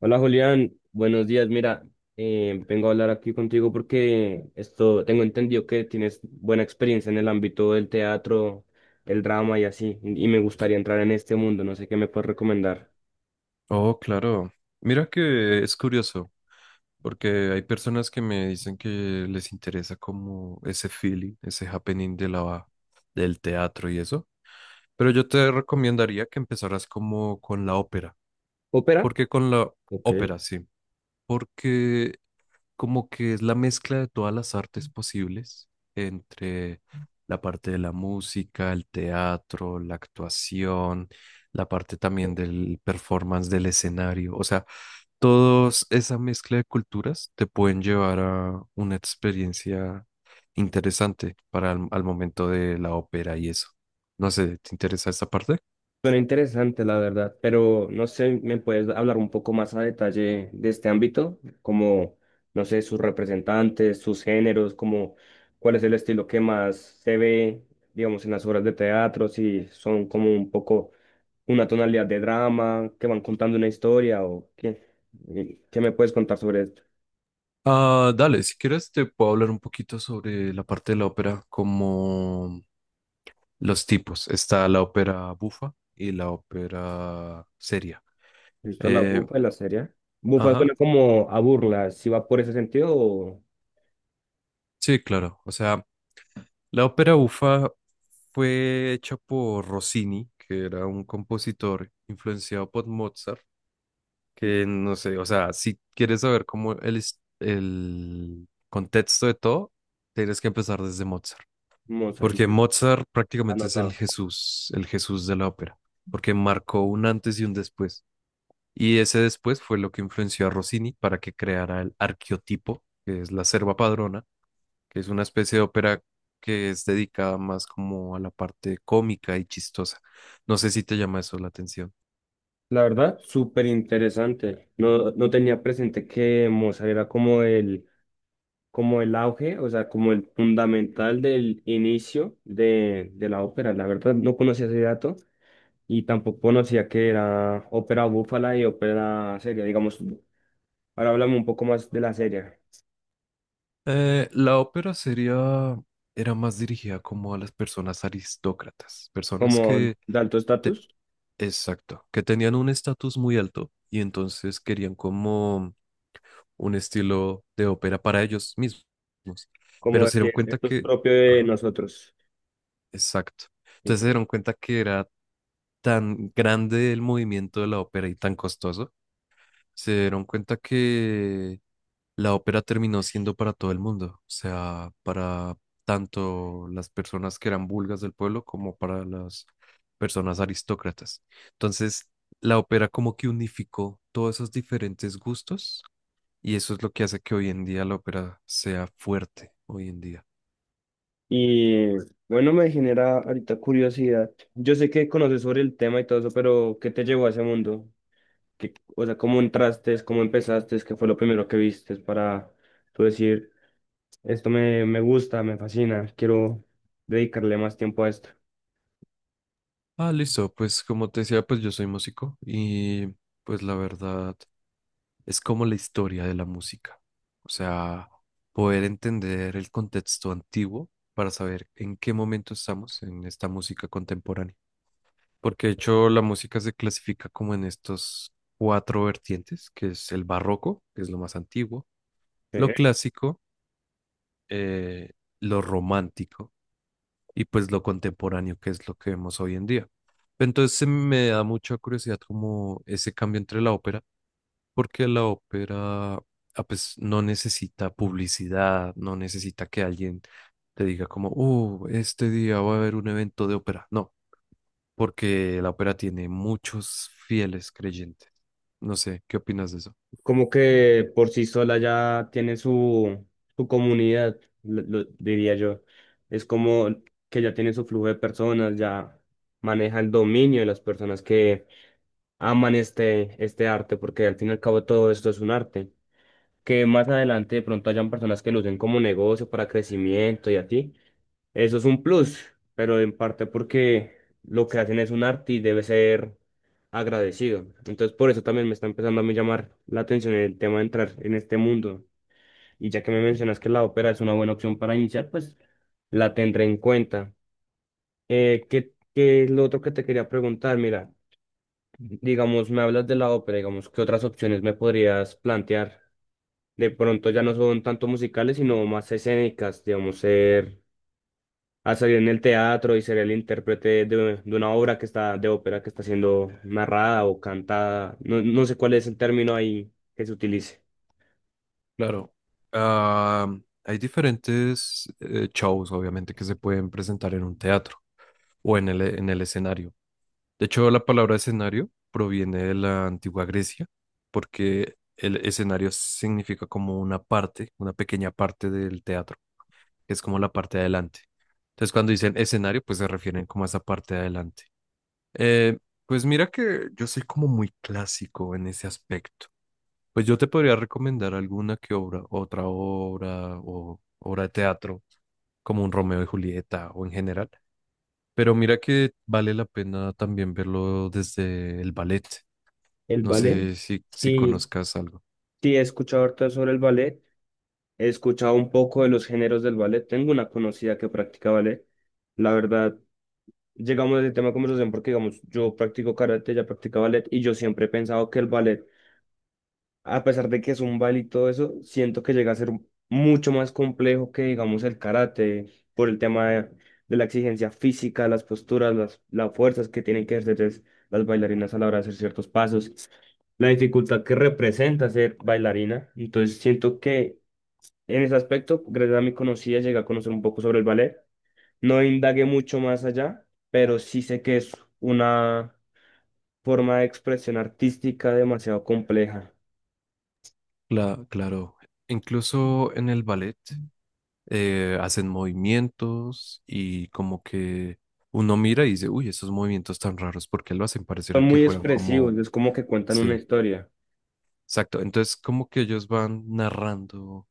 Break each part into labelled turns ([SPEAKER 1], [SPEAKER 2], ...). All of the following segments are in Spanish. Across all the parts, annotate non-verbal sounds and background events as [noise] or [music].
[SPEAKER 1] Hola Julián, buenos días. Mira, vengo a hablar aquí contigo porque esto tengo entendido que tienes buena experiencia en el ámbito del teatro, el drama y así, y me gustaría entrar en este mundo. No sé qué me puedes recomendar.
[SPEAKER 2] Oh, claro. Mira que es curioso, porque hay personas que me dicen que les interesa como ese feeling, ese happening de del teatro y eso. Pero yo te recomendaría que empezaras como con la ópera,
[SPEAKER 1] ¿Ópera?
[SPEAKER 2] porque con la
[SPEAKER 1] Ok.
[SPEAKER 2] ópera. Sí. Porque como que es la mezcla de todas las artes posibles entre la parte de la música, el teatro, la actuación, la parte también del performance del escenario. O sea, todos esa mezcla de culturas te pueden llevar a una experiencia interesante para al momento de la ópera y eso. No sé, ¿te interesa esta parte?
[SPEAKER 1] Suena interesante, la verdad, pero no sé, ¿me puedes hablar un poco más a detalle de este ámbito? Como, no sé, sus representantes, sus géneros, como cuál es el estilo que más se ve, digamos, en las obras de teatro, si son como un poco una tonalidad de drama, que van contando una historia o qué. ¿Qué me puedes contar sobre esto?
[SPEAKER 2] Ah, dale, si quieres te puedo hablar un poquito sobre la parte de la ópera, como los tipos. Está la ópera bufa y la ópera seria.
[SPEAKER 1] ¿Listo la
[SPEAKER 2] Eh,
[SPEAKER 1] bufa y la serie? Bufa
[SPEAKER 2] ajá,
[SPEAKER 1] suena como a burla, si va por ese sentido o
[SPEAKER 2] sí, claro. O sea, la ópera bufa fue hecha por Rossini, que era un compositor influenciado por Mozart, que no sé, o sea, si quieres saber cómo el contexto de todo, tienes que empezar desde Mozart,
[SPEAKER 1] Mozart,
[SPEAKER 2] porque Mozart prácticamente es
[SPEAKER 1] anotado.
[SPEAKER 2] El Jesús de la ópera, porque marcó un antes y un después, y ese después fue lo que influenció a Rossini para que creara el arqueotipo, que es la serva padrona, que es una especie de ópera que es dedicada más como a la parte cómica y chistosa. No sé si te llama eso la atención.
[SPEAKER 1] La verdad, súper interesante. No, no tenía presente que Mozart era como el auge, o sea, como el fundamental del inicio de la ópera. La verdad, no conocía ese dato y tampoco conocía que era ópera búfala y ópera seria. Digamos, ahora háblame un poco más de la serie,
[SPEAKER 2] La ópera sería era más dirigida como a las personas aristócratas, personas
[SPEAKER 1] como
[SPEAKER 2] que,
[SPEAKER 1] de alto
[SPEAKER 2] te-
[SPEAKER 1] estatus,
[SPEAKER 2] exacto, que tenían un estatus muy alto y entonces querían como un estilo de ópera para ellos mismos,
[SPEAKER 1] como
[SPEAKER 2] pero
[SPEAKER 1] de
[SPEAKER 2] se dieron
[SPEAKER 1] que
[SPEAKER 2] cuenta
[SPEAKER 1] esto es
[SPEAKER 2] que,
[SPEAKER 1] propio de
[SPEAKER 2] ajá,
[SPEAKER 1] nosotros.
[SPEAKER 2] exacto, entonces se dieron cuenta que era tan grande el movimiento de la ópera y tan costoso, se dieron cuenta que la ópera terminó siendo para todo el mundo, o sea, para tanto las personas que eran vulgas del pueblo como para las personas aristócratas. Entonces, la ópera como que unificó todos esos diferentes gustos y eso es lo que hace que hoy en día la ópera sea fuerte, hoy en día.
[SPEAKER 1] Y bueno, me genera ahorita curiosidad. Yo sé que conoces sobre el tema y todo eso, pero ¿qué te llevó a ese mundo? ¿Qué- o sea, ¿cómo entraste? ¿Cómo empezaste? ¿Qué fue lo primero que viste para tú decir, esto me, me gusta, me fascina, quiero dedicarle más tiempo a esto?
[SPEAKER 2] Ah, listo, pues como te decía, pues yo soy músico y pues la verdad es como la historia de la música. O sea, poder entender el contexto antiguo para saber en qué momento estamos en esta música contemporánea. Porque de hecho la música se clasifica como en estos cuatro vertientes, que es el barroco, que es lo más antiguo, lo
[SPEAKER 1] Eh,
[SPEAKER 2] clásico, eh, lo romántico y pues lo contemporáneo, que es lo que vemos hoy en día. Entonces se me da mucha curiosidad como ese cambio entre la ópera, porque la ópera, ah, pues, no necesita publicidad, no necesita que alguien te diga como, oh, este día va a haber un evento de ópera. No, porque la ópera tiene muchos fieles creyentes. No sé, ¿qué opinas de eso?
[SPEAKER 1] Como que por sí sola ya tiene su, su comunidad, lo diría yo. Es como que ya tiene su flujo de personas, ya maneja el dominio de las personas que aman este, este arte, porque al fin y al cabo todo esto es un arte. Que más adelante de pronto hayan personas que lo usen como negocio para crecimiento y así. Eso es un plus, pero en parte porque lo que hacen es un arte y debe ser agradecido. Entonces por eso también me está empezando a mí llamar la atención el tema de entrar en este mundo. Y ya que me mencionas que la ópera es una buena opción para iniciar, pues la tendré en cuenta. ¿Qué, qué es lo otro que te quería preguntar? Mira. Digamos, me hablas de la ópera, digamos, ¿qué otras opciones me podrías plantear? De pronto ya no son tanto musicales, sino más escénicas, digamos, ser, a salir en el teatro y ser el intérprete de una obra que está, de ópera que está siendo narrada o cantada. No, no sé cuál es el término ahí que se utilice.
[SPEAKER 2] Claro. Ah, hay diferentes shows, obviamente, que se pueden presentar en un teatro o en el escenario. De hecho, la palabra escenario proviene de la antigua Grecia, porque el escenario significa como una parte, una pequeña parte del teatro, que es como la parte de adelante. Entonces, cuando dicen escenario, pues se refieren como a esa parte de adelante. Eh, pues mira que yo soy como muy clásico en ese aspecto. Pues yo te podría recomendar alguna que obra, otra obra o obra de teatro, como un Romeo y Julieta o en general. Pero mira que vale la pena también verlo desde el ballet.
[SPEAKER 1] El
[SPEAKER 2] No
[SPEAKER 1] ballet.
[SPEAKER 2] sé si
[SPEAKER 1] Sí,
[SPEAKER 2] conozcas algo.
[SPEAKER 1] sí, he escuchado harto sobre el ballet. He escuchado un poco de los géneros del ballet. Tengo una conocida que practica ballet. La verdad, llegamos a ese tema de conversación porque, digamos, yo practico karate, ya practica ballet y yo siempre he pensado que el ballet, a pesar de que es un baile y todo eso, siento que llega a ser mucho más complejo que, digamos, el karate por el tema de la exigencia física, las posturas, las fuerzas que tienen que ejercer las bailarinas a la hora de hacer ciertos pasos, la dificultad que representa ser bailarina. Entonces, siento que en ese aspecto, gracias a mi conocida, llegué a conocer un poco sobre el ballet. No indagué mucho más allá, pero sí sé que es una forma de expresión artística demasiado compleja.
[SPEAKER 2] Claro, incluso en el ballet hacen movimientos y como que uno mira y dice, uy, esos movimientos tan raros, ¿por qué lo hacen?
[SPEAKER 1] Son
[SPEAKER 2] Parecieran que
[SPEAKER 1] muy
[SPEAKER 2] fueran
[SPEAKER 1] expresivos,
[SPEAKER 2] como,
[SPEAKER 1] es como que cuentan una
[SPEAKER 2] sí,
[SPEAKER 1] historia.
[SPEAKER 2] exacto. Entonces como que ellos van narrando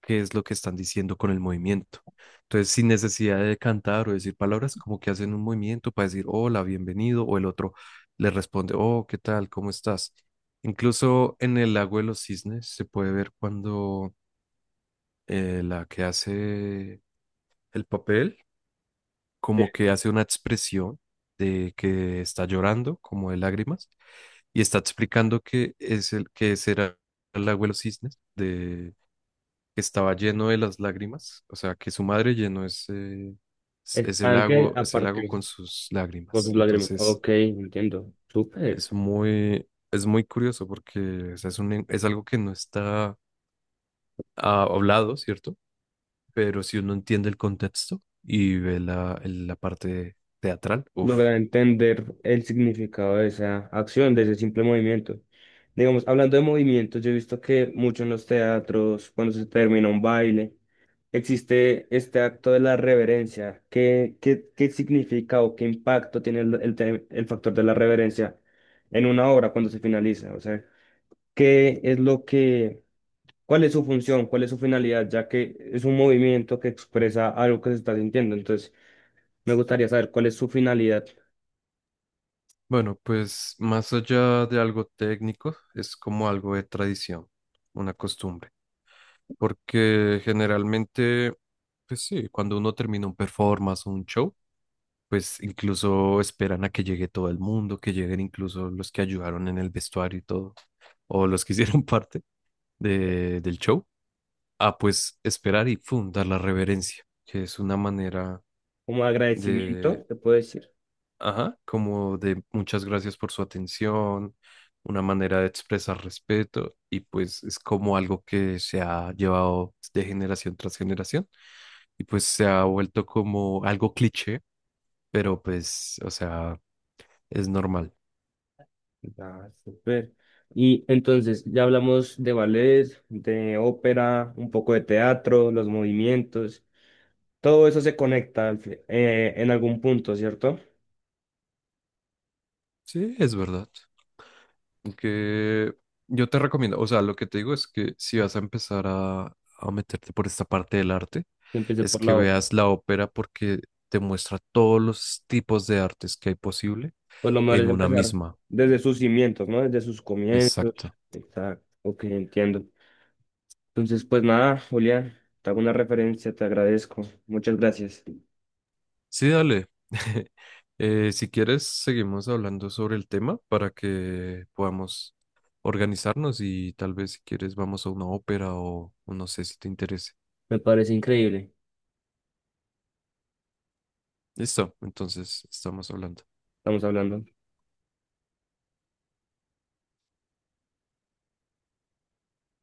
[SPEAKER 2] qué es lo que están diciendo con el movimiento. Entonces, sin necesidad de cantar o decir palabras, como que hacen un movimiento para decir hola, bienvenido, o el otro le responde, oh, ¿qué tal? ¿Cómo estás? Incluso en el lago de los cisnes se puede ver cuando la que hace el papel, como
[SPEAKER 1] Sí.
[SPEAKER 2] que hace una expresión de que está llorando, como de lágrimas, y está explicando que es el que será el lago de los cisnes, de que estaba lleno de las lágrimas, o sea, que su madre llenó ese,
[SPEAKER 1] Están que a
[SPEAKER 2] ese lago
[SPEAKER 1] partir
[SPEAKER 2] con sus
[SPEAKER 1] con
[SPEAKER 2] lágrimas.
[SPEAKER 1] sus lágrimas.
[SPEAKER 2] Entonces,
[SPEAKER 1] Ok, entiendo. Súper.
[SPEAKER 2] es muy curioso porque, o sea, es un, es algo que no está, ah, hablado, ¿cierto? Pero si uno entiende el contexto y ve la, la parte teatral, uff.
[SPEAKER 1] Lograr entender el significado de esa acción, de ese simple movimiento. Digamos, hablando de movimientos, yo he visto que mucho en los teatros, cuando se termina un baile, existe este acto de la reverencia. ¿Qué, qué, qué significa o qué impacto tiene el te- el factor de la reverencia en una obra cuando se finaliza? O sea, ¿qué es lo que, cuál es su función, cuál es su finalidad, ya que es un movimiento que expresa algo que se está sintiendo? Entonces, me gustaría saber cuál es su finalidad.
[SPEAKER 2] Bueno, pues más allá de algo técnico, es como algo de tradición, una costumbre, porque generalmente, pues sí, cuando uno termina un performance o un show, pues incluso esperan a que llegue todo el mundo, que lleguen incluso los que ayudaron en el vestuario y todo, o los que [laughs] hicieron parte
[SPEAKER 1] eh,
[SPEAKER 2] de, del show, a pues esperar y fundar dar la reverencia, que es una manera
[SPEAKER 1] Como
[SPEAKER 2] de
[SPEAKER 1] agradecimiento, te puedo decir.
[SPEAKER 2] ajá, como de muchas gracias por su atención, una manera de expresar respeto, y pues es como algo que se ha llevado de generación tras generación y pues se ha vuelto como algo cliché, pero pues, o sea, es normal.
[SPEAKER 1] Ah, súper. Y entonces ya hablamos de ballet, de ópera, un poco de teatro, los movimientos. Todo eso se conecta al en algún punto, ¿cierto?
[SPEAKER 2] Sí, es verdad, que yo te recomiendo, o sea, lo que te digo es que si vas a empezar a meterte por esta parte del arte,
[SPEAKER 1] Empecé
[SPEAKER 2] es
[SPEAKER 1] por
[SPEAKER 2] que
[SPEAKER 1] la obra.
[SPEAKER 2] veas la ópera porque te muestra todos los tipos de artes que hay posible
[SPEAKER 1] Pues lo mejor
[SPEAKER 2] en
[SPEAKER 1] es
[SPEAKER 2] una
[SPEAKER 1] empezar
[SPEAKER 2] misma.
[SPEAKER 1] desde sus cimientos, ¿no? Desde sus comienzos.
[SPEAKER 2] Exacto.
[SPEAKER 1] Exacto, ok, entiendo. Entonces, pues nada, Julián, te hago una referencia, te agradezco. Muchas gracias.
[SPEAKER 2] Sí, dale. [laughs] Si quieres, seguimos hablando sobre el tema para que podamos organizarnos y tal vez si quieres vamos a una ópera o no sé si te interese.
[SPEAKER 1] Me parece increíble.
[SPEAKER 2] Listo, entonces estamos hablando.
[SPEAKER 1] Estamos hablando.